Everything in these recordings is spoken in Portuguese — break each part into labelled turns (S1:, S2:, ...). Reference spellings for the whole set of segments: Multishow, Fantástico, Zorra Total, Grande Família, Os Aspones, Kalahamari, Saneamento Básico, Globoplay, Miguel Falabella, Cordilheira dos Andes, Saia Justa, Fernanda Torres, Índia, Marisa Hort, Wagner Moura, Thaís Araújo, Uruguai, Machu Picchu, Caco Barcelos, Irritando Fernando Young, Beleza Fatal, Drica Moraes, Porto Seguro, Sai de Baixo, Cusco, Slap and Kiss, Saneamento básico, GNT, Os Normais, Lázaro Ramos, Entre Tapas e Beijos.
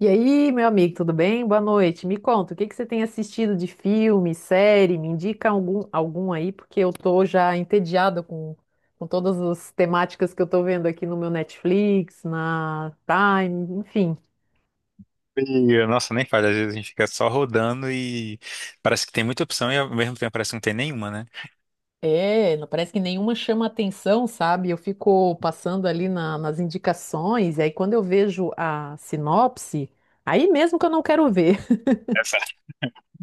S1: E aí, meu amigo, tudo bem? Boa noite. Me conta, o que que você tem assistido de filme, série? Me indica algum aí, porque eu tô já entediada com todas as temáticas que eu tô vendo aqui no meu Netflix, na Prime, enfim.
S2: E, nossa, nem faz. Às vezes a gente fica só rodando e parece que tem muita opção e ao mesmo tempo parece que não tem nenhuma, né?
S1: É, parece que nenhuma chama atenção, sabe? Eu fico passando ali nas indicações, e aí quando eu vejo a sinopse, aí mesmo que eu não quero ver.
S2: Exato.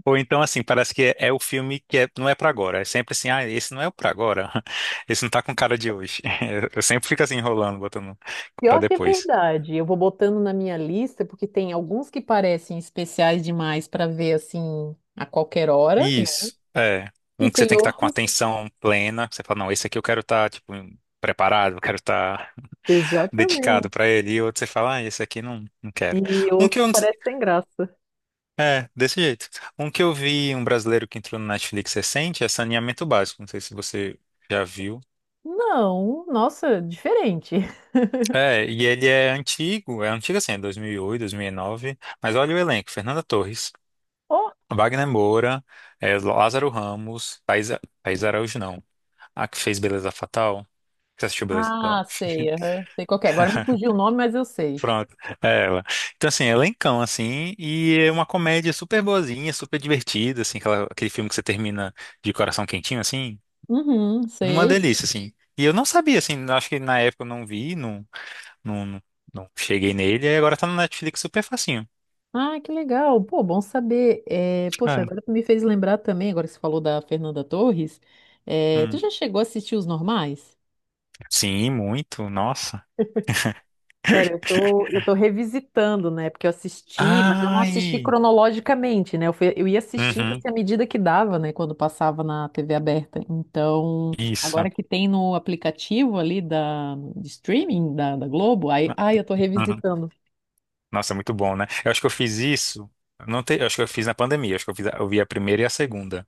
S2: Ou então, assim, parece que é o filme não é pra agora. É sempre assim, ah, esse não é o pra agora. Esse não tá com cara de hoje. Eu sempre fico assim enrolando, botando pra
S1: Pior que é
S2: depois.
S1: verdade. Eu vou botando na minha lista, porque tem alguns que parecem especiais demais para ver assim a qualquer hora, né?
S2: Isso, é.
S1: E
S2: Um que você
S1: tem
S2: tem que estar com
S1: outros.
S2: atenção plena, que você fala, não, esse aqui eu quero estar, tipo, preparado, eu quero estar dedicado
S1: Exatamente.
S2: pra ele. E outro você fala, ah, esse aqui não, não quero.
S1: E
S2: Um que
S1: outros
S2: eu não.
S1: parecem sem graça.
S2: É, desse jeito. Um que eu vi, um brasileiro que entrou no Netflix recente, é Saneamento Básico. Não sei se você já viu.
S1: Não, nossa, diferente.
S2: É, e ele é antigo assim, é 2008, 2009. Mas olha o elenco: Fernanda Torres,
S1: Oh,
S2: Wagner Moura, Lázaro Ramos, Thaís Araújo, não. A que fez Beleza Fatal. Você assistiu Beleza Fatal?
S1: ah, sei, aham. Sei qual que é. Agora me fugiu o nome, mas eu sei.
S2: Pronto, é ela. Então, assim, elencão, assim, e é uma comédia super boazinha, super divertida, assim, aquele filme que você termina de coração quentinho, assim.
S1: Uhum,
S2: Uma
S1: sei.
S2: delícia, assim. E eu não sabia, assim, acho que na época eu não vi, não, não, não não cheguei nele, e agora tá no Netflix super facinho.
S1: Ah, que legal. Pô, bom saber. É, poxa,
S2: Ah,
S1: agora tu me fez lembrar também, agora que você falou da Fernanda Torres. É, tu
S2: hum.
S1: já chegou a assistir Os Normais?
S2: Sim, muito, nossa.
S1: Cara, eu tô revisitando, né? Porque eu assisti, mas eu não assisti
S2: Ai!
S1: cronologicamente, né? Eu ia assistindo
S2: Uhum,
S1: assim à medida que dava, né? Quando passava na TV aberta. Então,
S2: isso.
S1: agora que tem no aplicativo ali da, de streaming da Globo, aí, ai, eu tô
S2: Uhum.
S1: revisitando.
S2: Nossa, é muito bom, né? Eu acho que eu fiz isso. Eu não te— Eu acho que eu fiz na pandemia. Eu acho que eu fiz— eu vi a primeira e a segunda,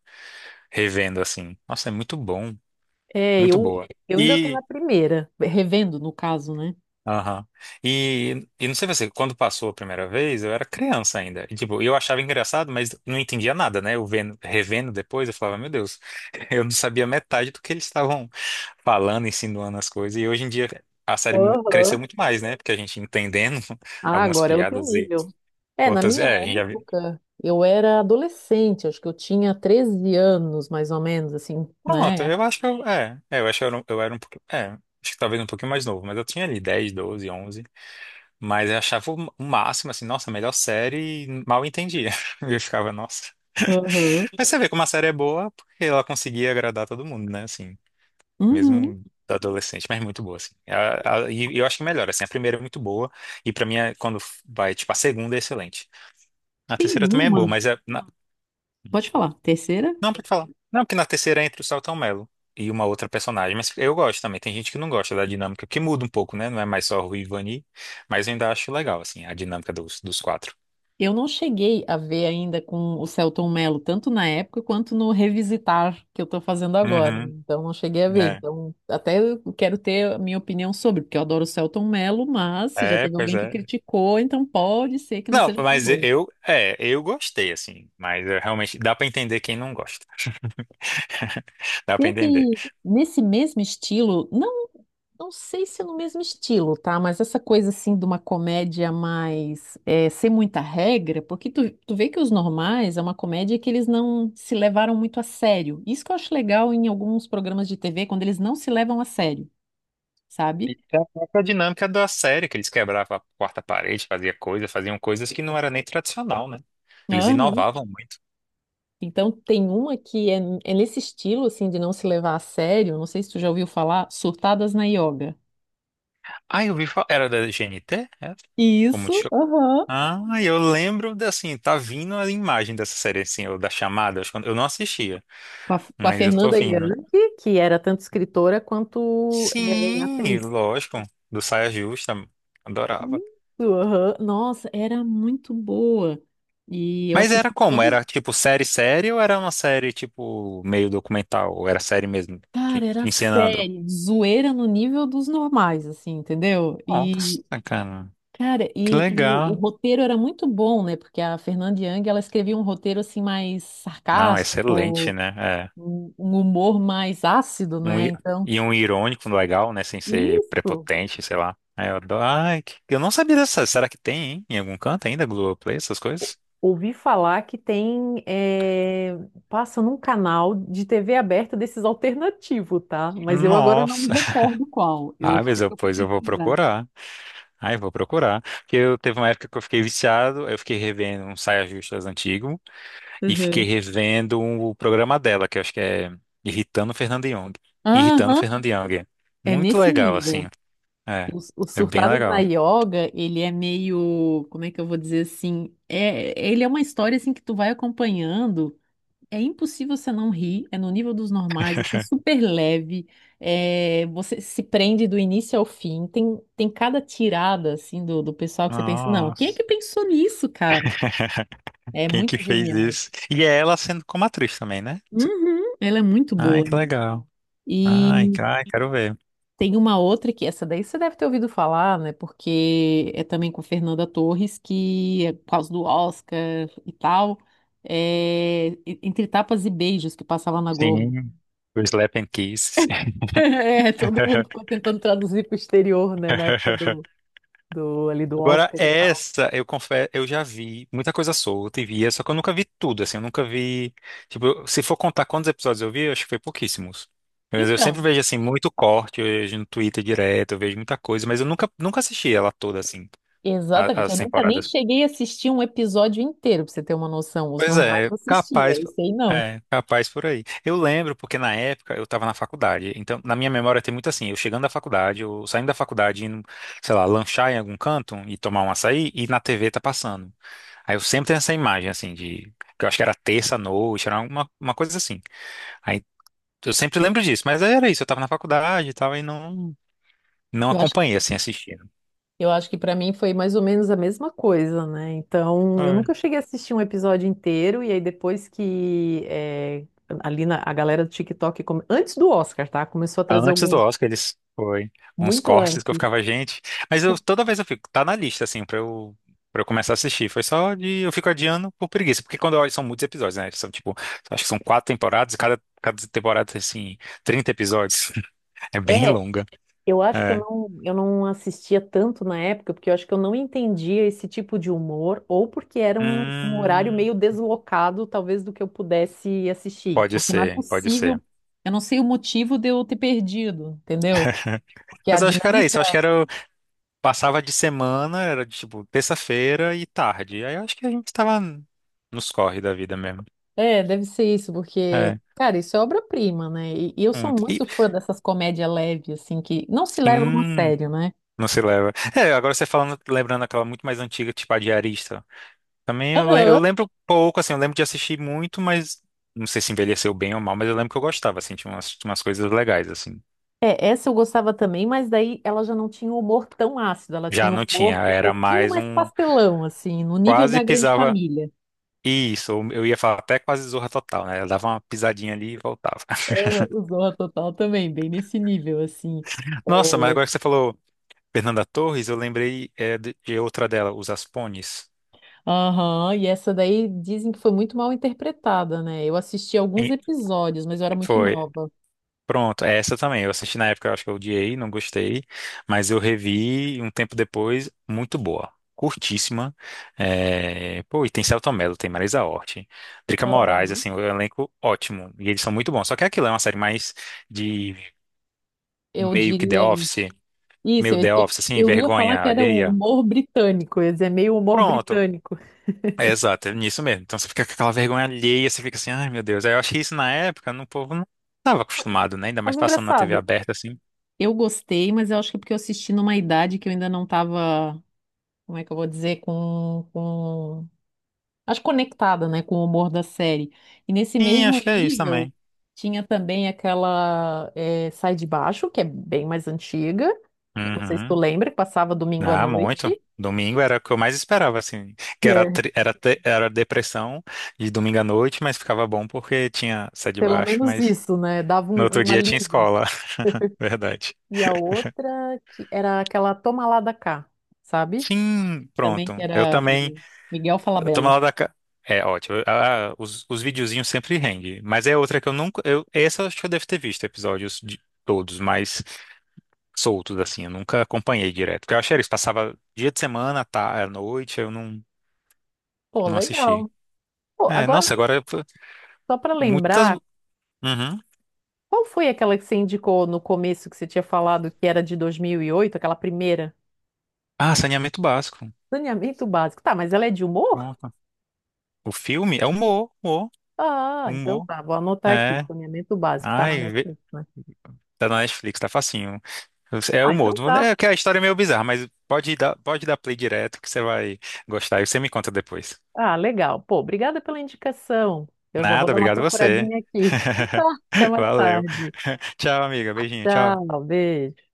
S2: revendo assim. Nossa, é muito bom,
S1: É,
S2: muito
S1: eu,
S2: boa.
S1: eu ainda tô na
S2: E,
S1: primeira, revendo, no caso, né?
S2: aham. E não sei você, quando passou a primeira vez, eu era criança ainda. E, tipo, eu achava engraçado, mas não entendia nada, né? Eu vendo, revendo depois, eu falava, meu Deus, eu não sabia metade do que eles estavam falando, insinuando as coisas. E hoje em dia a série cresceu
S1: Aham.
S2: muito mais, né? Porque a gente entendendo
S1: Ah,
S2: algumas
S1: agora é outro
S2: piadas e
S1: nível. É, na
S2: outras.
S1: minha
S2: É, a gente já vi-
S1: época, eu era adolescente, acho que eu tinha 13 anos, mais ou menos, assim,
S2: pronto,
S1: né?
S2: eu acho que eu. É, eu acho que eu era, eu era um pouquinho. É, acho que talvez um pouquinho mais novo, mas eu tinha ali 10, 12, 11. Mas eu achava o máximo, assim, nossa, a melhor série, e mal entendia. Eu ficava, nossa.
S1: Aham.
S2: Mas você vê como a série é boa, porque ela conseguia agradar todo mundo, né, assim,
S1: Uhum.
S2: mesmo adolescente, mas muito boa, assim. E eu acho que melhor, assim, a primeira é muito boa, e pra mim, quando vai, tipo, a segunda é excelente. A
S1: Tem
S2: terceira também é boa,
S1: uma.
S2: mas é.
S1: Pode falar. Terceira?
S2: Não, pode falar. Não, porque na terceira é entre o Saltão Mello e uma outra personagem, mas eu gosto também. Tem gente que não gosta da dinâmica, que muda um pouco, né, não é mais só Rui e Vani, mas eu ainda acho legal, assim, a dinâmica dos quatro.
S1: Eu não cheguei a ver ainda com o Selton Mello, tanto na época quanto no Revisitar que eu tô fazendo agora.
S2: Uhum.
S1: Então, não cheguei a ver.
S2: É.
S1: Então, até eu quero ter a minha opinião sobre, porque eu adoro o Selton Mello, mas se já
S2: É,
S1: teve
S2: pois
S1: alguém que
S2: é.
S1: criticou, então pode ser que não
S2: Não,
S1: seja tão
S2: mas
S1: bom.
S2: eu gostei, assim. Mas eu realmente dá pra entender quem não gosta. Dá pra entender.
S1: Teve nesse mesmo estilo, não? Não sei se é no mesmo estilo, tá? Mas essa coisa assim de uma comédia mais sem muita regra, porque tu vê que os normais é uma comédia que eles não se levaram muito a sério. Isso que eu acho legal em alguns programas de TV, quando eles não se levam a sério, sabe?
S2: E a própria dinâmica da série, que eles quebravam a quarta parede, faziam coisas que não era nem tradicional, né? Eles
S1: Aham.
S2: inovavam muito.
S1: Então tem uma que é nesse estilo assim de não se levar a sério. Não sei se tu já ouviu falar, Surtadas na Yoga.
S2: Ah, eu vi, era da GNT? É? O
S1: Isso,
S2: Multishow?
S1: aham.
S2: Ah, eu lembro, de, assim, tá vindo a imagem dessa série, assim, ou da chamada, acho que eu não assistia,
S1: Com a
S2: mas eu tô
S1: Fernanda Young,
S2: vindo.
S1: que era tanto escritora quanto
S2: Sim,
S1: atriz.
S2: lógico. Do Saia Justa. Adorava.
S1: Isso, aham. Nossa, era muito boa. E eu
S2: Mas era
S1: assisti
S2: como?
S1: todas.
S2: Era tipo série série ou era uma série tipo meio documental? Ou era série mesmo? Te,
S1: Cara, era
S2: te ensinando?
S1: sério, zoeira no nível dos normais, assim, entendeu?
S2: Nossa,
S1: E,
S2: cara.
S1: cara,
S2: Que
S1: e o
S2: legal.
S1: roteiro era muito bom, né? Porque a Fernanda Young, ela escrevia um roteiro, assim, mais
S2: Não, excelente,
S1: sarcástico,
S2: né? É.
S1: um humor mais ácido,
S2: Um,
S1: né? Então,
S2: e um irônico legal, né? Sem ser
S1: isso.
S2: prepotente, sei lá. Aí eu adoro. Ai, eu não sabia dessa. Será que tem, hein? Em algum canto ainda? Globoplay, essas coisas?
S1: Ouvi falar que tem, passa num canal de TV aberta desses alternativos, tá? Mas eu agora não me
S2: Nossa.
S1: recordo qual. Eu
S2: Ah,
S1: sei que eu fui
S2: pois eu vou
S1: pesquisar.
S2: procurar. Ai, vou procurar. Porque eu teve uma época que eu fiquei viciado, aí eu fiquei revendo um Saia Justas antigo e fiquei
S1: Uhum.
S2: revendo o programa dela, que eu acho que é Irritando Fernando Young. Irritando
S1: Aham,
S2: Fernando Young.
S1: é
S2: Muito
S1: nesse
S2: legal,
S1: nível.
S2: assim. É.
S1: Os
S2: É bem
S1: Surtadas na
S2: legal.
S1: Yoga, ele é meio, como é que eu vou dizer assim? É, ele é uma história assim que tu vai acompanhando. É impossível você não rir, é no nível dos normais, assim, é super leve, é, você se prende do início ao fim, tem cada tirada, assim, do pessoal que você pensa, não, quem é
S2: Nossa.
S1: que pensou nisso, cara? É
S2: Quem que
S1: muito
S2: fez
S1: genial.
S2: isso? E é ela sendo como atriz também, né?
S1: Uhum, ela é muito
S2: Ai,
S1: boa.
S2: que legal. Ai,
S1: E
S2: ai, quero ver.
S1: tem uma outra que, essa daí você deve ter ouvido falar, né, porque é também com Fernanda Torres, que é por causa do Oscar e tal, Entre Tapas e Beijos, que passava na Globo.
S2: Sim. O Slap and Kiss.
S1: É, todo mundo ficou tentando traduzir para o exterior, né? Na época ali do
S2: Agora,
S1: Oscar e tal.
S2: essa, eu confesso, eu já vi muita coisa solta e via, só que eu nunca vi tudo, assim, eu nunca vi. Tipo, se for contar quantos episódios eu vi, eu acho que foi pouquíssimos. Mas eu sempre
S1: Então,
S2: vejo, assim, muito corte, eu vejo no Twitter direto, eu vejo muita coisa, mas eu nunca, nunca assisti ela toda, assim,
S1: exatamente.
S2: as
S1: Eu nunca nem
S2: temporadas.
S1: cheguei a assistir um episódio inteiro, para você ter uma noção. Os
S2: Pois
S1: normais
S2: é,
S1: eu
S2: capaz,
S1: assistia, esse aí não.
S2: capaz por aí. Eu lembro porque na época eu estava na faculdade, então na minha memória tem muito assim, eu chegando da faculdade, eu saindo da faculdade, indo, sei lá, lanchar em algum canto e tomar um açaí e na TV tá passando. Aí eu sempre tenho essa imagem assim de, que eu acho que era terça noite, era uma coisa assim. Aí eu sempre lembro disso, mas era isso, eu estava na faculdade e tal e não
S1: Eu acho,
S2: acompanhei assim assistindo.
S1: eu acho que para mim foi mais ou menos a mesma coisa, né? Então, eu nunca cheguei a assistir um episódio inteiro, e aí depois que ali a galera do TikTok, antes do Oscar, tá? Começou a trazer
S2: Antes do
S1: alguns
S2: Oscar, eles foi uns
S1: muito
S2: cortes que eu
S1: antes.
S2: ficava, gente. Mas eu toda vez eu fico, tá na lista, assim, pra eu começar a assistir. Foi só de. Eu fico adiando por preguiça. Porque quando eu olho, são muitos episódios, né? São tipo, acho que são quatro temporadas, e cada temporada tem assim, 30 episódios. É bem
S1: É,
S2: longa.
S1: eu acho que eu
S2: É.
S1: não, eu não assistia tanto na época, porque eu acho que eu não entendia esse tipo de humor, ou porque era um
S2: Hum,
S1: horário meio deslocado, talvez, do que eu pudesse assistir.
S2: pode
S1: Porque não é
S2: ser, pode
S1: possível,
S2: ser.
S1: eu não sei o motivo de eu ter perdido, entendeu? Porque a
S2: Mas eu acho que era isso. Eu acho que
S1: dinâmica.
S2: era. Eu passava de semana, era de, tipo terça-feira e tarde. Aí eu acho que a gente tava nos corre da vida mesmo.
S1: É, deve ser isso, porque,
S2: É.
S1: cara, isso é obra-prima, né? E eu sou
S2: E,
S1: muito fã dessas comédias leves, assim, que não se levam a
S2: sim.
S1: sério, né?
S2: Não se leva. É, agora você falando, lembrando aquela muito mais antiga, tipo a Diarista. Também eu
S1: Aham.
S2: lembro pouco, assim, eu lembro de assistir muito, mas não sei se envelheceu bem ou mal, mas eu lembro que eu gostava, assim, tinha umas coisas legais, assim.
S1: É, essa eu gostava também, mas daí ela já não tinha um humor tão ácido, ela
S2: Já
S1: tinha um
S2: não
S1: humor
S2: tinha,
S1: um
S2: era
S1: pouquinho
S2: mais
S1: mais
S2: um.
S1: pastelão, assim, no nível
S2: Quase
S1: da Grande
S2: pisava.
S1: Família.
S2: Isso, ou eu ia falar até quase Zorra Total, né? Eu dava uma pisadinha ali e voltava.
S1: Aham, o Zorra Total também, bem nesse nível, assim.
S2: Nossa, mas agora que você falou Fernanda Torres, eu lembrei de outra dela, Os Aspones.
S1: Aham, e essa daí dizem que foi muito mal interpretada, né? Eu assisti alguns
S2: E-
S1: episódios, mas eu era muito
S2: Foi.
S1: nova.
S2: Pronto, é essa também. Eu assisti na época, eu acho que eu odiei, não gostei, mas eu revi um tempo depois, muito boa. Curtíssima. É, pô, e tem Selton Mello, tem Marisa Hort, Drica Moraes,
S1: Aham.
S2: assim, o elenco ótimo. E eles são muito bons. Só que é aquilo é uma série mais de
S1: Eu
S2: meio que The
S1: diria
S2: Office,
S1: isso,
S2: meio The Office, assim,
S1: eu ia falar
S2: vergonha
S1: que era um
S2: alheia.
S1: humor britânico, ia dizer meio humor
S2: Pronto.
S1: britânico.
S2: É, exato, é nisso mesmo. Então você fica com aquela vergonha alheia, você fica assim, ai meu Deus. Aí eu achei isso na época, no povo não estava acostumado, né? Ainda mais
S1: Mas
S2: passando na TV
S1: engraçado.
S2: aberta, assim.
S1: Eu gostei, mas eu acho que é porque eu assisti numa idade que eu ainda não estava como é que eu vou dizer, Acho conectada, né, com o humor da série. E nesse
S2: Sim, acho
S1: mesmo
S2: que é isso
S1: nível,
S2: também.
S1: tinha também aquela Sai de Baixo, que é bem mais antiga. Não sei se tu
S2: Uhum.
S1: lembra, que passava domingo à
S2: Ah, muito.
S1: noite.
S2: Domingo era o que eu mais esperava, assim. Que era,
S1: É.
S2: era depressão de domingo à noite, mas ficava bom porque tinha sede de
S1: Pelo
S2: baixo,
S1: menos
S2: mas
S1: isso, né? Dava
S2: no outro
S1: um, um
S2: dia tinha
S1: alívio.
S2: escola. Verdade.
S1: E a outra que era aquela Toma lá da cá, sabe?
S2: Sim,
S1: Também
S2: pronto.
S1: que
S2: Eu
S1: era
S2: também.
S1: Miguel
S2: Eu tô
S1: Falabella.
S2: mal da. É ótimo. Ah, os videozinhos sempre rende. Mas é outra que eu nunca. Eu, essa eu acho que eu devo ter visto episódios de todos, mas soltos, assim. Eu nunca acompanhei direto. Porque eu achei eles passava dia de semana, tá, à noite, eu não,
S1: Pô,
S2: não assisti.
S1: legal. Pô,
S2: É,
S1: agora,
S2: nossa, agora
S1: só para
S2: muitas.
S1: lembrar,
S2: Uhum.
S1: qual foi aquela que você indicou no começo que você tinha falado que era de 2008, aquela primeira?
S2: Ah, saneamento básico.
S1: Saneamento básico. Tá, mas ela é de humor?
S2: Pronto. O filme é humor, humor,
S1: Ah, então
S2: humor.
S1: tá, vou anotar aqui.
S2: É.
S1: Saneamento básico, tá na
S2: Ai,
S1: Netflix, né?
S2: tá na Netflix, tá facinho. É
S1: Ah,
S2: humor.
S1: então tá.
S2: É que a história é meio bizarra, mas pode dar play direto que você vai gostar e você me conta depois.
S1: Ah, legal. Pô, obrigada pela indicação. Eu já vou
S2: Nada,
S1: dar uma
S2: obrigado você.
S1: procuradinha aqui. Então tá, até mais
S2: Valeu.
S1: tarde.
S2: Tchau, amiga. Beijinho, tchau.
S1: Tchau, beijo.